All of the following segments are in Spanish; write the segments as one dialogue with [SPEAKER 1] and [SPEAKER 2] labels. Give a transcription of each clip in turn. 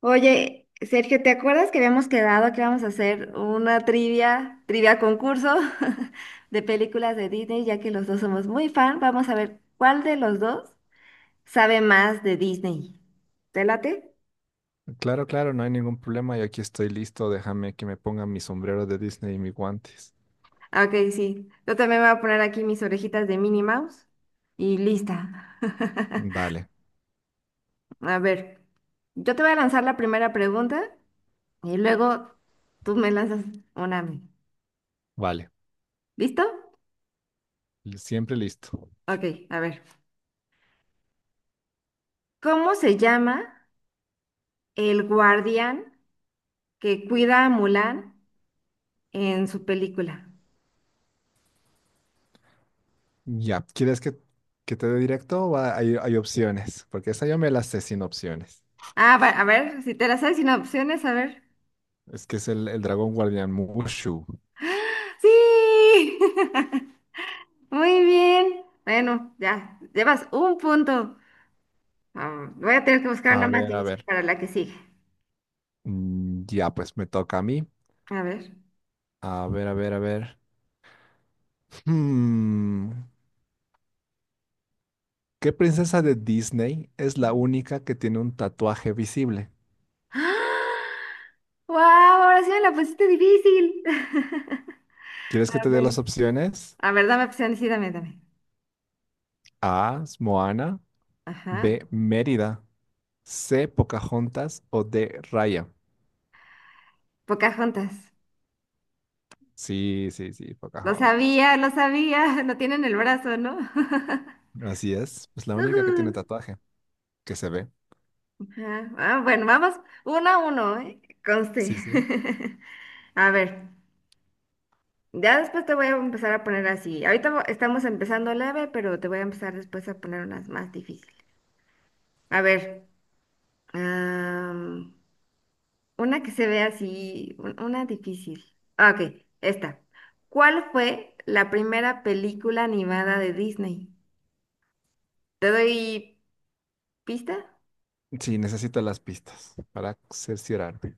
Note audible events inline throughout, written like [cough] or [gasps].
[SPEAKER 1] Oye, Sergio, ¿te acuerdas que habíamos quedado que íbamos a hacer una trivia concurso [laughs] de películas de Disney, ya que los dos somos muy fan? Vamos a ver cuál de los dos sabe más de Disney. ¿Te late?
[SPEAKER 2] Claro, claro, no hay ningún problema. Yo aquí estoy listo. Déjame que me ponga mi sombrero de Disney y mis guantes.
[SPEAKER 1] Ah, Ok, sí. Yo también voy a poner aquí mis orejitas de Minnie Mouse y lista. [laughs]
[SPEAKER 2] Dale,
[SPEAKER 1] A ver, yo te voy a lanzar la primera pregunta y luego tú me lanzas una a mí.
[SPEAKER 2] vale.
[SPEAKER 1] ¿Listo?
[SPEAKER 2] Siempre listo.
[SPEAKER 1] Ok, a ver. ¿Cómo se llama el guardián que cuida a Mulan en su película?
[SPEAKER 2] Ya, ¿quieres que te dé directo o hay opciones? Porque esa yo me la sé sin opciones.
[SPEAKER 1] Ah, a ver, si te la sabes sin opciones, a ver.
[SPEAKER 2] Es que es el dragón guardián Mushu.
[SPEAKER 1] ¡Sí! [laughs] Muy bien. Bueno, ya, llevas un punto. Ah, voy a tener que buscar
[SPEAKER 2] A
[SPEAKER 1] una más
[SPEAKER 2] ver, a
[SPEAKER 1] difícil
[SPEAKER 2] ver.
[SPEAKER 1] para la que sigue.
[SPEAKER 2] Ya, pues me toca a mí.
[SPEAKER 1] A ver.
[SPEAKER 2] A ver, a ver, a ver. Hmm, ¿Qué princesa de Disney es la única que tiene un tatuaje visible?
[SPEAKER 1] [gasps] ¡Wow! Ahora sí me la pusiste difícil. [laughs]
[SPEAKER 2] ¿Quieres que
[SPEAKER 1] A
[SPEAKER 2] te dé las
[SPEAKER 1] ver.
[SPEAKER 2] opciones?
[SPEAKER 1] A ver, dame opciones, sí, dame.
[SPEAKER 2] A, Moana. B,
[SPEAKER 1] Ajá.
[SPEAKER 2] Mérida. C, Pocahontas o D, Raya.
[SPEAKER 1] Pocahontas.
[SPEAKER 2] Sí, sí, sí,
[SPEAKER 1] Lo
[SPEAKER 2] Pocahontas.
[SPEAKER 1] sabía, lo sabía. [laughs] No tienen el brazo, ¿no? [laughs]
[SPEAKER 2] Así es. Es la única que tiene
[SPEAKER 1] Ujú.
[SPEAKER 2] tatuaje, que se ve.
[SPEAKER 1] Ajá. Ah, bueno, vamos uno a uno, ¿eh? Conste.
[SPEAKER 2] Sí, sí.
[SPEAKER 1] [laughs] A ver, ya después te voy a empezar a poner así. Ahorita estamos empezando leve, pero te voy a empezar después a poner unas más difíciles. A ver, am, una que se ve así, una difícil. Ah, Ok, esta. ¿Cuál fue la primera película animada de Disney? ¿Te doy pista?
[SPEAKER 2] Sí, necesito las pistas para cerciorarme.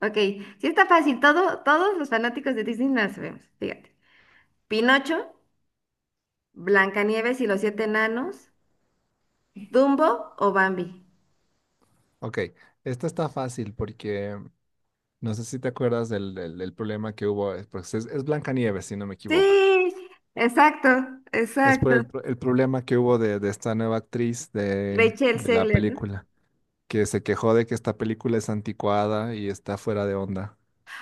[SPEAKER 1] Ok, sí está fácil. Todos los fanáticos de Disney la sabemos, fíjate. Pinocho, Blancanieves y los siete enanos, Dumbo o Bambi.
[SPEAKER 2] Ok, esta está fácil porque no sé si te acuerdas del problema que hubo. Es, porque es Blancanieves, si no me equivoco.
[SPEAKER 1] Sí, exacto,
[SPEAKER 2] Es por
[SPEAKER 1] exacto.
[SPEAKER 2] el problema que hubo de esta nueva actriz
[SPEAKER 1] Rachel
[SPEAKER 2] de la
[SPEAKER 1] Zegler, ¿no?
[SPEAKER 2] película, que se quejó de que esta película es anticuada y está fuera de onda.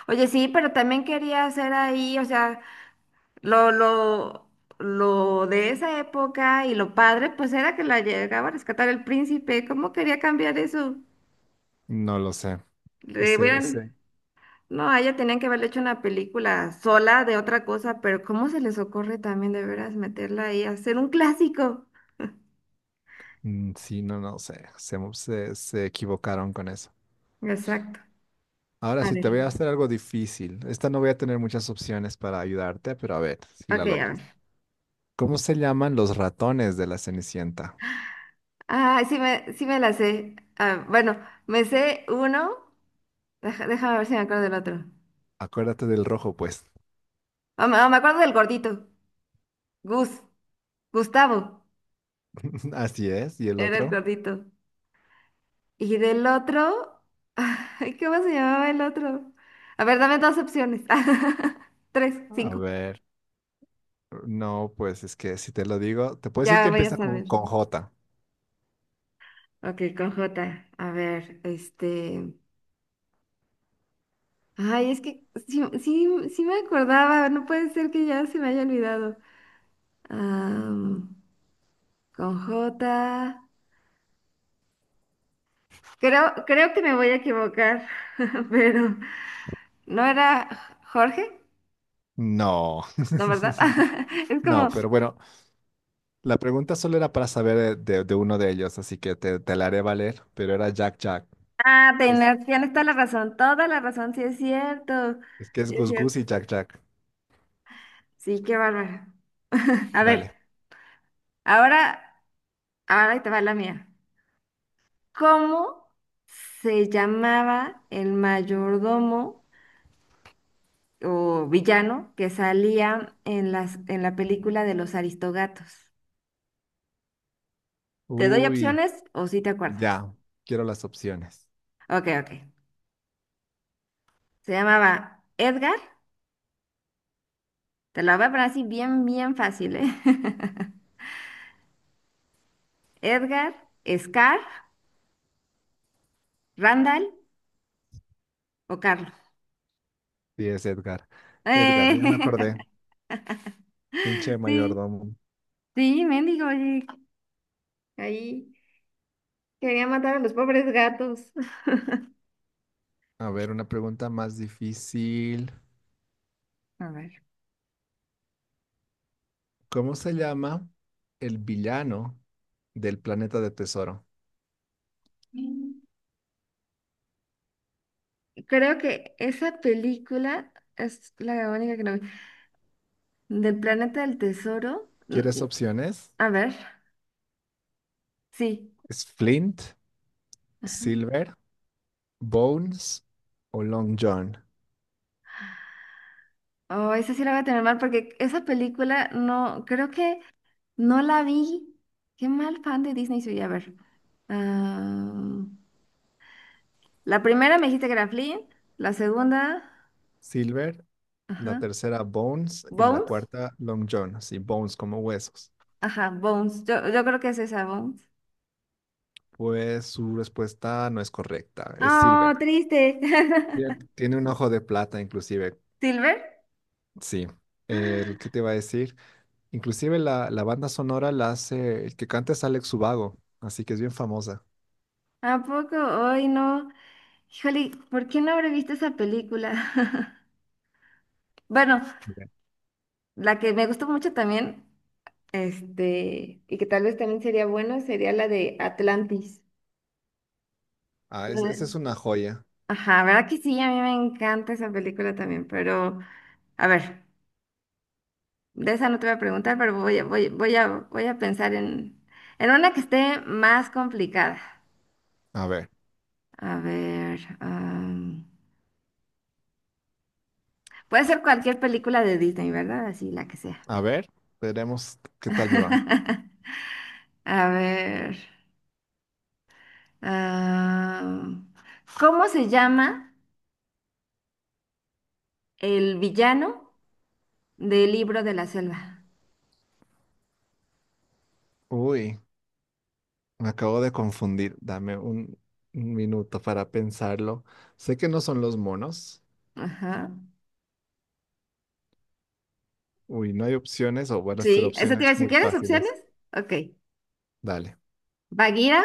[SPEAKER 1] Oye, sí, pero también quería hacer ahí, o sea, lo, lo, lo de esa época y lo padre, pues era que la llegaba a rescatar el príncipe. ¿Cómo quería cambiar eso?
[SPEAKER 2] No lo sé.
[SPEAKER 1] Le
[SPEAKER 2] Este,
[SPEAKER 1] hubieran,
[SPEAKER 2] este,
[SPEAKER 1] no, a ella tenían que haberle hecho una película sola de otra cosa, pero ¿cómo se les ocurre también de veras meterla ahí, hacer un clásico?
[SPEAKER 2] sí, no, no sé. Se equivocaron con eso.
[SPEAKER 1] Exacto.
[SPEAKER 2] Ahora
[SPEAKER 1] A
[SPEAKER 2] sí,
[SPEAKER 1] ver.
[SPEAKER 2] te voy a hacer algo difícil. Esta no voy a tener muchas opciones para ayudarte, pero a ver si la
[SPEAKER 1] Ok, a ver.
[SPEAKER 2] logras. ¿Cómo se llaman los ratones de la Cenicienta?
[SPEAKER 1] Ah, sí me la sé. Ah, bueno, me sé uno. Déjame ver si me acuerdo del otro.
[SPEAKER 2] Acuérdate del rojo, pues.
[SPEAKER 1] Me acuerdo del gordito. Gus. Gustavo.
[SPEAKER 2] [laughs] Así es. ¿Y el
[SPEAKER 1] Era el
[SPEAKER 2] otro?
[SPEAKER 1] gordito. Y del otro. [laughs] Ay, ¿cómo se llamaba el otro? A ver, dame dos opciones. [laughs] Tres,
[SPEAKER 2] A
[SPEAKER 1] cinco.
[SPEAKER 2] ver. No, pues es que si te lo digo, te puedo decir
[SPEAKER 1] Ya
[SPEAKER 2] que
[SPEAKER 1] voy a
[SPEAKER 2] empieza con,
[SPEAKER 1] saber.
[SPEAKER 2] con J.
[SPEAKER 1] Ok, con J. A ver, este. Ay, es que sí me acordaba. No puede ser que ya se me haya olvidado. Ah. Con J. Creo que me voy a equivocar, [laughs] pero no era Jorge,
[SPEAKER 2] No.
[SPEAKER 1] ¿no, verdad?
[SPEAKER 2] [laughs]
[SPEAKER 1] [laughs] Es como,
[SPEAKER 2] No, pero bueno, la pregunta solo era para saber de, de uno de ellos, así que te la haré valer, pero era Jack Jack.
[SPEAKER 1] ah,
[SPEAKER 2] Es,
[SPEAKER 1] tienes toda la razón, sí es cierto,
[SPEAKER 2] es que es
[SPEAKER 1] sí es
[SPEAKER 2] Gus Gus
[SPEAKER 1] cierto.
[SPEAKER 2] y Jack Jack.
[SPEAKER 1] Sí, qué bárbaro. [laughs] A ver,
[SPEAKER 2] Dale.
[SPEAKER 1] ahora, ahora ahí te va la mía. ¿Cómo se llamaba el mayordomo o villano que salía en en la película de los Aristogatos? ¿Te doy
[SPEAKER 2] Uy,
[SPEAKER 1] opciones o si te acuerdas?
[SPEAKER 2] ya. Quiero las opciones.
[SPEAKER 1] Ok, ok. Se llamaba Edgar. Te lo voy a poner así bien fácil, ¿eh? [laughs] Edgar, Scar, Randall o Carlos.
[SPEAKER 2] Sí, es Edgar. Edgar, ya me acordé.
[SPEAKER 1] Eh,
[SPEAKER 2] Pinche
[SPEAKER 1] [laughs] sí,
[SPEAKER 2] mayordomo.
[SPEAKER 1] sí, mendigo. Oye, ahí quería matar a los pobres gatos.
[SPEAKER 2] A ver, una pregunta más difícil.
[SPEAKER 1] A ver.
[SPEAKER 2] ¿Cómo se llama el villano del planeta de tesoro?
[SPEAKER 1] Creo que esa película es la única que no vi. Del planeta del tesoro.
[SPEAKER 2] ¿Quieres opciones?
[SPEAKER 1] A ver, sí.
[SPEAKER 2] ¿Es Flint,
[SPEAKER 1] Ajá.
[SPEAKER 2] Silver, Bones o Long John?
[SPEAKER 1] Oh, esa sí la voy a tener mal porque esa película no, creo que no la vi. Qué mal fan de Disney soy. A ver. Ah, la primera me dijiste que era Flynn. La segunda,
[SPEAKER 2] Silver, la
[SPEAKER 1] ajá.
[SPEAKER 2] tercera Bones y la
[SPEAKER 1] Bones.
[SPEAKER 2] cuarta Long John. Sí, Bones como huesos.
[SPEAKER 1] Ajá, Bones. Yo creo que es esa, Bones.
[SPEAKER 2] Pues su respuesta no es correcta, es
[SPEAKER 1] Oh,
[SPEAKER 2] Silver.
[SPEAKER 1] triste.
[SPEAKER 2] Bien.
[SPEAKER 1] [laughs]
[SPEAKER 2] Tiene un ojo de plata inclusive,
[SPEAKER 1] ¿Silver?
[SPEAKER 2] sí. El que te iba a decir, inclusive la banda sonora la hace, el que canta es Alex Ubago, así que es bien famosa.
[SPEAKER 1] ¿A poco? Hoy no. Híjole, ¿por qué no habré visto esa película? [laughs] Bueno,
[SPEAKER 2] Ok.
[SPEAKER 1] la que me gustó mucho también, este, y que tal vez también sería bueno, sería la de Atlantis.
[SPEAKER 2] Ah, esa es
[SPEAKER 1] [laughs]
[SPEAKER 2] una joya.
[SPEAKER 1] Ajá, ¿verdad que sí? A mí me encanta esa película también, pero a ver, de esa no te voy a preguntar, pero voy a pensar en una que esté más complicada.
[SPEAKER 2] A ver,
[SPEAKER 1] A ver, puede ser cualquier película de Disney, ¿verdad? Así, la que sea.
[SPEAKER 2] a ver, veremos qué tal me va.
[SPEAKER 1] [laughs] A ver, am, ¿cómo se llama el villano del libro de la selva?
[SPEAKER 2] Uy, me acabo de confundir, dame un minuto para pensarlo. Sé que no son los monos.
[SPEAKER 1] Ajá.
[SPEAKER 2] Uy, no hay opciones, o van a ser
[SPEAKER 1] Sí, ¿eso te iba
[SPEAKER 2] opciones
[SPEAKER 1] a decir?
[SPEAKER 2] muy
[SPEAKER 1] ¿Quieres opciones?
[SPEAKER 2] fáciles.
[SPEAKER 1] Ok.
[SPEAKER 2] Dale.
[SPEAKER 1] ¿Bagheera?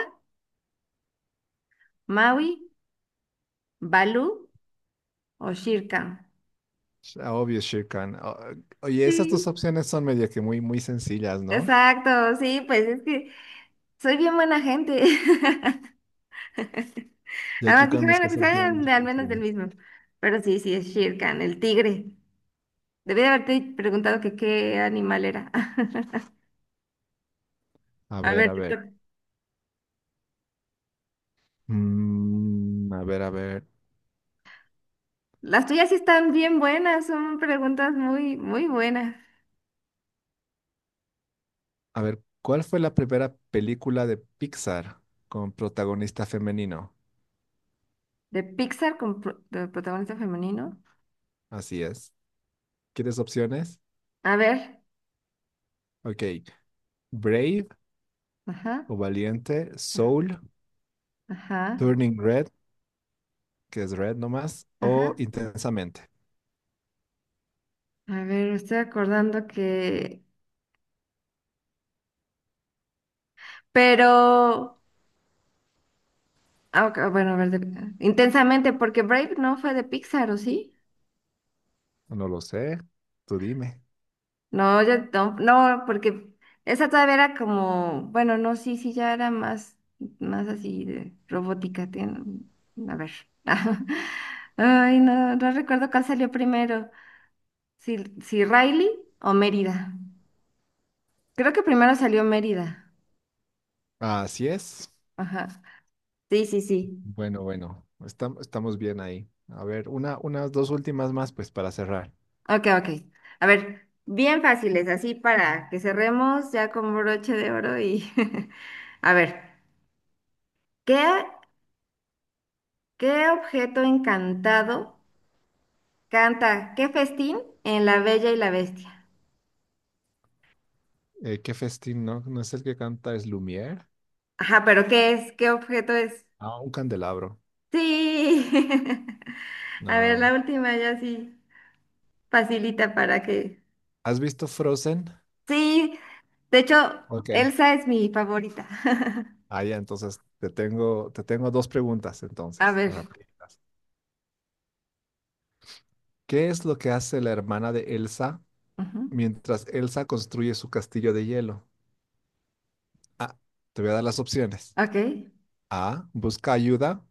[SPEAKER 1] Maui, Balú o Shirkan.
[SPEAKER 2] Ah, obvio, Shirkan. Oye, esas dos
[SPEAKER 1] Sí,
[SPEAKER 2] opciones son medio que muy, muy sencillas, ¿no?
[SPEAKER 1] exacto, sí, pues es que soy bien buena gente. [laughs]
[SPEAKER 2] Y aquí
[SPEAKER 1] Además dije,
[SPEAKER 2] con mis
[SPEAKER 1] bueno, que
[SPEAKER 2] cosas bien
[SPEAKER 1] sean al menos del
[SPEAKER 2] difíciles.
[SPEAKER 1] mismo. Pero sí, sí, es Shirkan, el tigre. Debí de haberte preguntado que qué animal era. [laughs]
[SPEAKER 2] A
[SPEAKER 1] A
[SPEAKER 2] ver,
[SPEAKER 1] ver,
[SPEAKER 2] a
[SPEAKER 1] te
[SPEAKER 2] ver.
[SPEAKER 1] toca.
[SPEAKER 2] A ver, a ver.
[SPEAKER 1] Las tuyas sí están bien buenas, son preguntas muy buenas.
[SPEAKER 2] A ver, ¿cuál fue la primera película de Pixar con protagonista femenino?
[SPEAKER 1] De Pixar con de protagonista femenino.
[SPEAKER 2] Así es. ¿Quieres opciones?
[SPEAKER 1] A ver,
[SPEAKER 2] Ok. Brave
[SPEAKER 1] ajá,
[SPEAKER 2] o Valiente, Soul,
[SPEAKER 1] ajá,
[SPEAKER 2] Turning Red, que es Red nomás,
[SPEAKER 1] ajá.
[SPEAKER 2] o Intensamente.
[SPEAKER 1] A ver, me estoy acordando que pero, ah, ok, bueno, a ver, intensamente, porque Brave no fue de Pixar, ¿o sí?
[SPEAKER 2] No lo sé. Tú dime.
[SPEAKER 1] No, yo no, no, porque esa todavía era como, bueno, no, sí, sí, ya era más, más así de robótica. A ver. [laughs] Ay, no, no recuerdo cuál salió primero, si, si Riley o Mérida. Creo que primero salió Mérida.
[SPEAKER 2] Así es.
[SPEAKER 1] Ajá. Sí, sí, sí.
[SPEAKER 2] Bueno, bueno, estamos bien ahí. A ver, una, unas dos últimas más, pues para cerrar.
[SPEAKER 1] Ok, ok. A ver, bien fáciles, así para que cerremos ya con broche de oro y... [laughs] A ver, ¿qué, ¿qué objeto encantado canta? ¿Qué festín en La Bella y la Bestia?
[SPEAKER 2] ¿Qué festín, no? ¿No es el que canta es Lumière?
[SPEAKER 1] Ajá, pero ¿qué es? ¿Qué objeto es?
[SPEAKER 2] Ah, un candelabro.
[SPEAKER 1] Sí. [laughs] A ver, la
[SPEAKER 2] No.
[SPEAKER 1] última ya sí facilita para que...
[SPEAKER 2] ¿Has visto Frozen?
[SPEAKER 1] Sí, de hecho,
[SPEAKER 2] Ok.
[SPEAKER 1] Elsa es mi favorita. [laughs]
[SPEAKER 2] Ah, ya, entonces te tengo dos preguntas,
[SPEAKER 1] A
[SPEAKER 2] entonces,
[SPEAKER 1] ver.
[SPEAKER 2] rapiditas. ¿Qué es lo que hace la hermana de Elsa
[SPEAKER 1] Ujú.
[SPEAKER 2] mientras Elsa construye su castillo de hielo? Ah, te voy a dar las opciones.
[SPEAKER 1] Ok.
[SPEAKER 2] A, busca ayuda.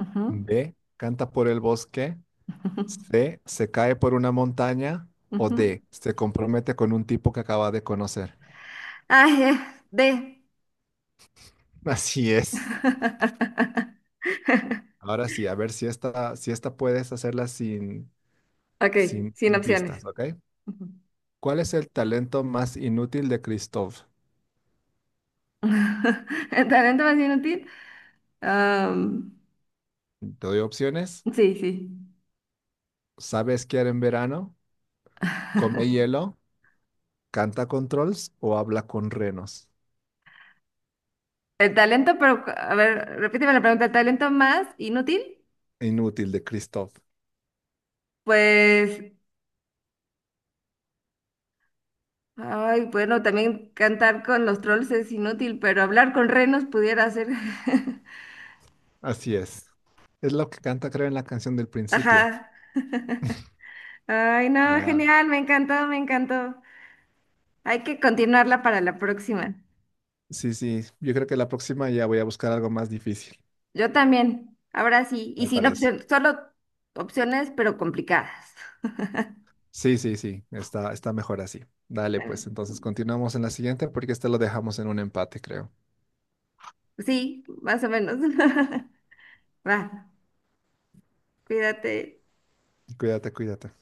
[SPEAKER 1] Ujú.
[SPEAKER 2] B, canta por el bosque.
[SPEAKER 1] [laughs]
[SPEAKER 2] C, se cae por una montaña o
[SPEAKER 1] Ujú.
[SPEAKER 2] D, se compromete con un tipo que acaba de conocer.
[SPEAKER 1] Ah, D.
[SPEAKER 2] [laughs] Así es.
[SPEAKER 1] [laughs]
[SPEAKER 2] Ahora sí, a ver si esta, si esta puedes hacerla sin,
[SPEAKER 1] Ok,
[SPEAKER 2] sin
[SPEAKER 1] sin
[SPEAKER 2] sin pistas,
[SPEAKER 1] opciones.
[SPEAKER 2] ¿ok?
[SPEAKER 1] Ujú.
[SPEAKER 2] ¿Cuál es el talento más inútil de Christoph?
[SPEAKER 1] [laughs] ¿El talento más inútil? Am,
[SPEAKER 2] Te doy opciones.
[SPEAKER 1] sí, sí.
[SPEAKER 2] ¿Sabe esquiar en verano? ¿Come
[SPEAKER 1] [laughs]
[SPEAKER 2] hielo? ¿Canta con trolls o habla con renos?
[SPEAKER 1] El talento, pero, a ver, repíteme la pregunta, ¿el talento más inútil?
[SPEAKER 2] Inútil de Christoph.
[SPEAKER 1] Pues, ay, bueno, también cantar con los trolls es inútil, pero hablar con renos pudiera ser. [laughs]
[SPEAKER 2] Así es. Es lo que canta, creo, en la canción del principio.
[SPEAKER 1] Ajá. Ay, no,
[SPEAKER 2] Ah,
[SPEAKER 1] genial, me encantó, me encantó. Hay que continuarla para la próxima.
[SPEAKER 2] sí, sí, yo creo que la próxima ya voy a buscar algo más difícil,
[SPEAKER 1] Yo también. Ahora sí. Y
[SPEAKER 2] me
[SPEAKER 1] sin
[SPEAKER 2] parece.
[SPEAKER 1] opción, solo opciones, pero complicadas. [laughs]
[SPEAKER 2] Sí, sí, sí, está, está mejor así. Dale,
[SPEAKER 1] Bueno,
[SPEAKER 2] pues entonces continuamos en la siguiente porque este lo dejamos en un empate, creo.
[SPEAKER 1] sí, más o menos. [laughs] Va, cuídate.
[SPEAKER 2] Cuídate, cuídate.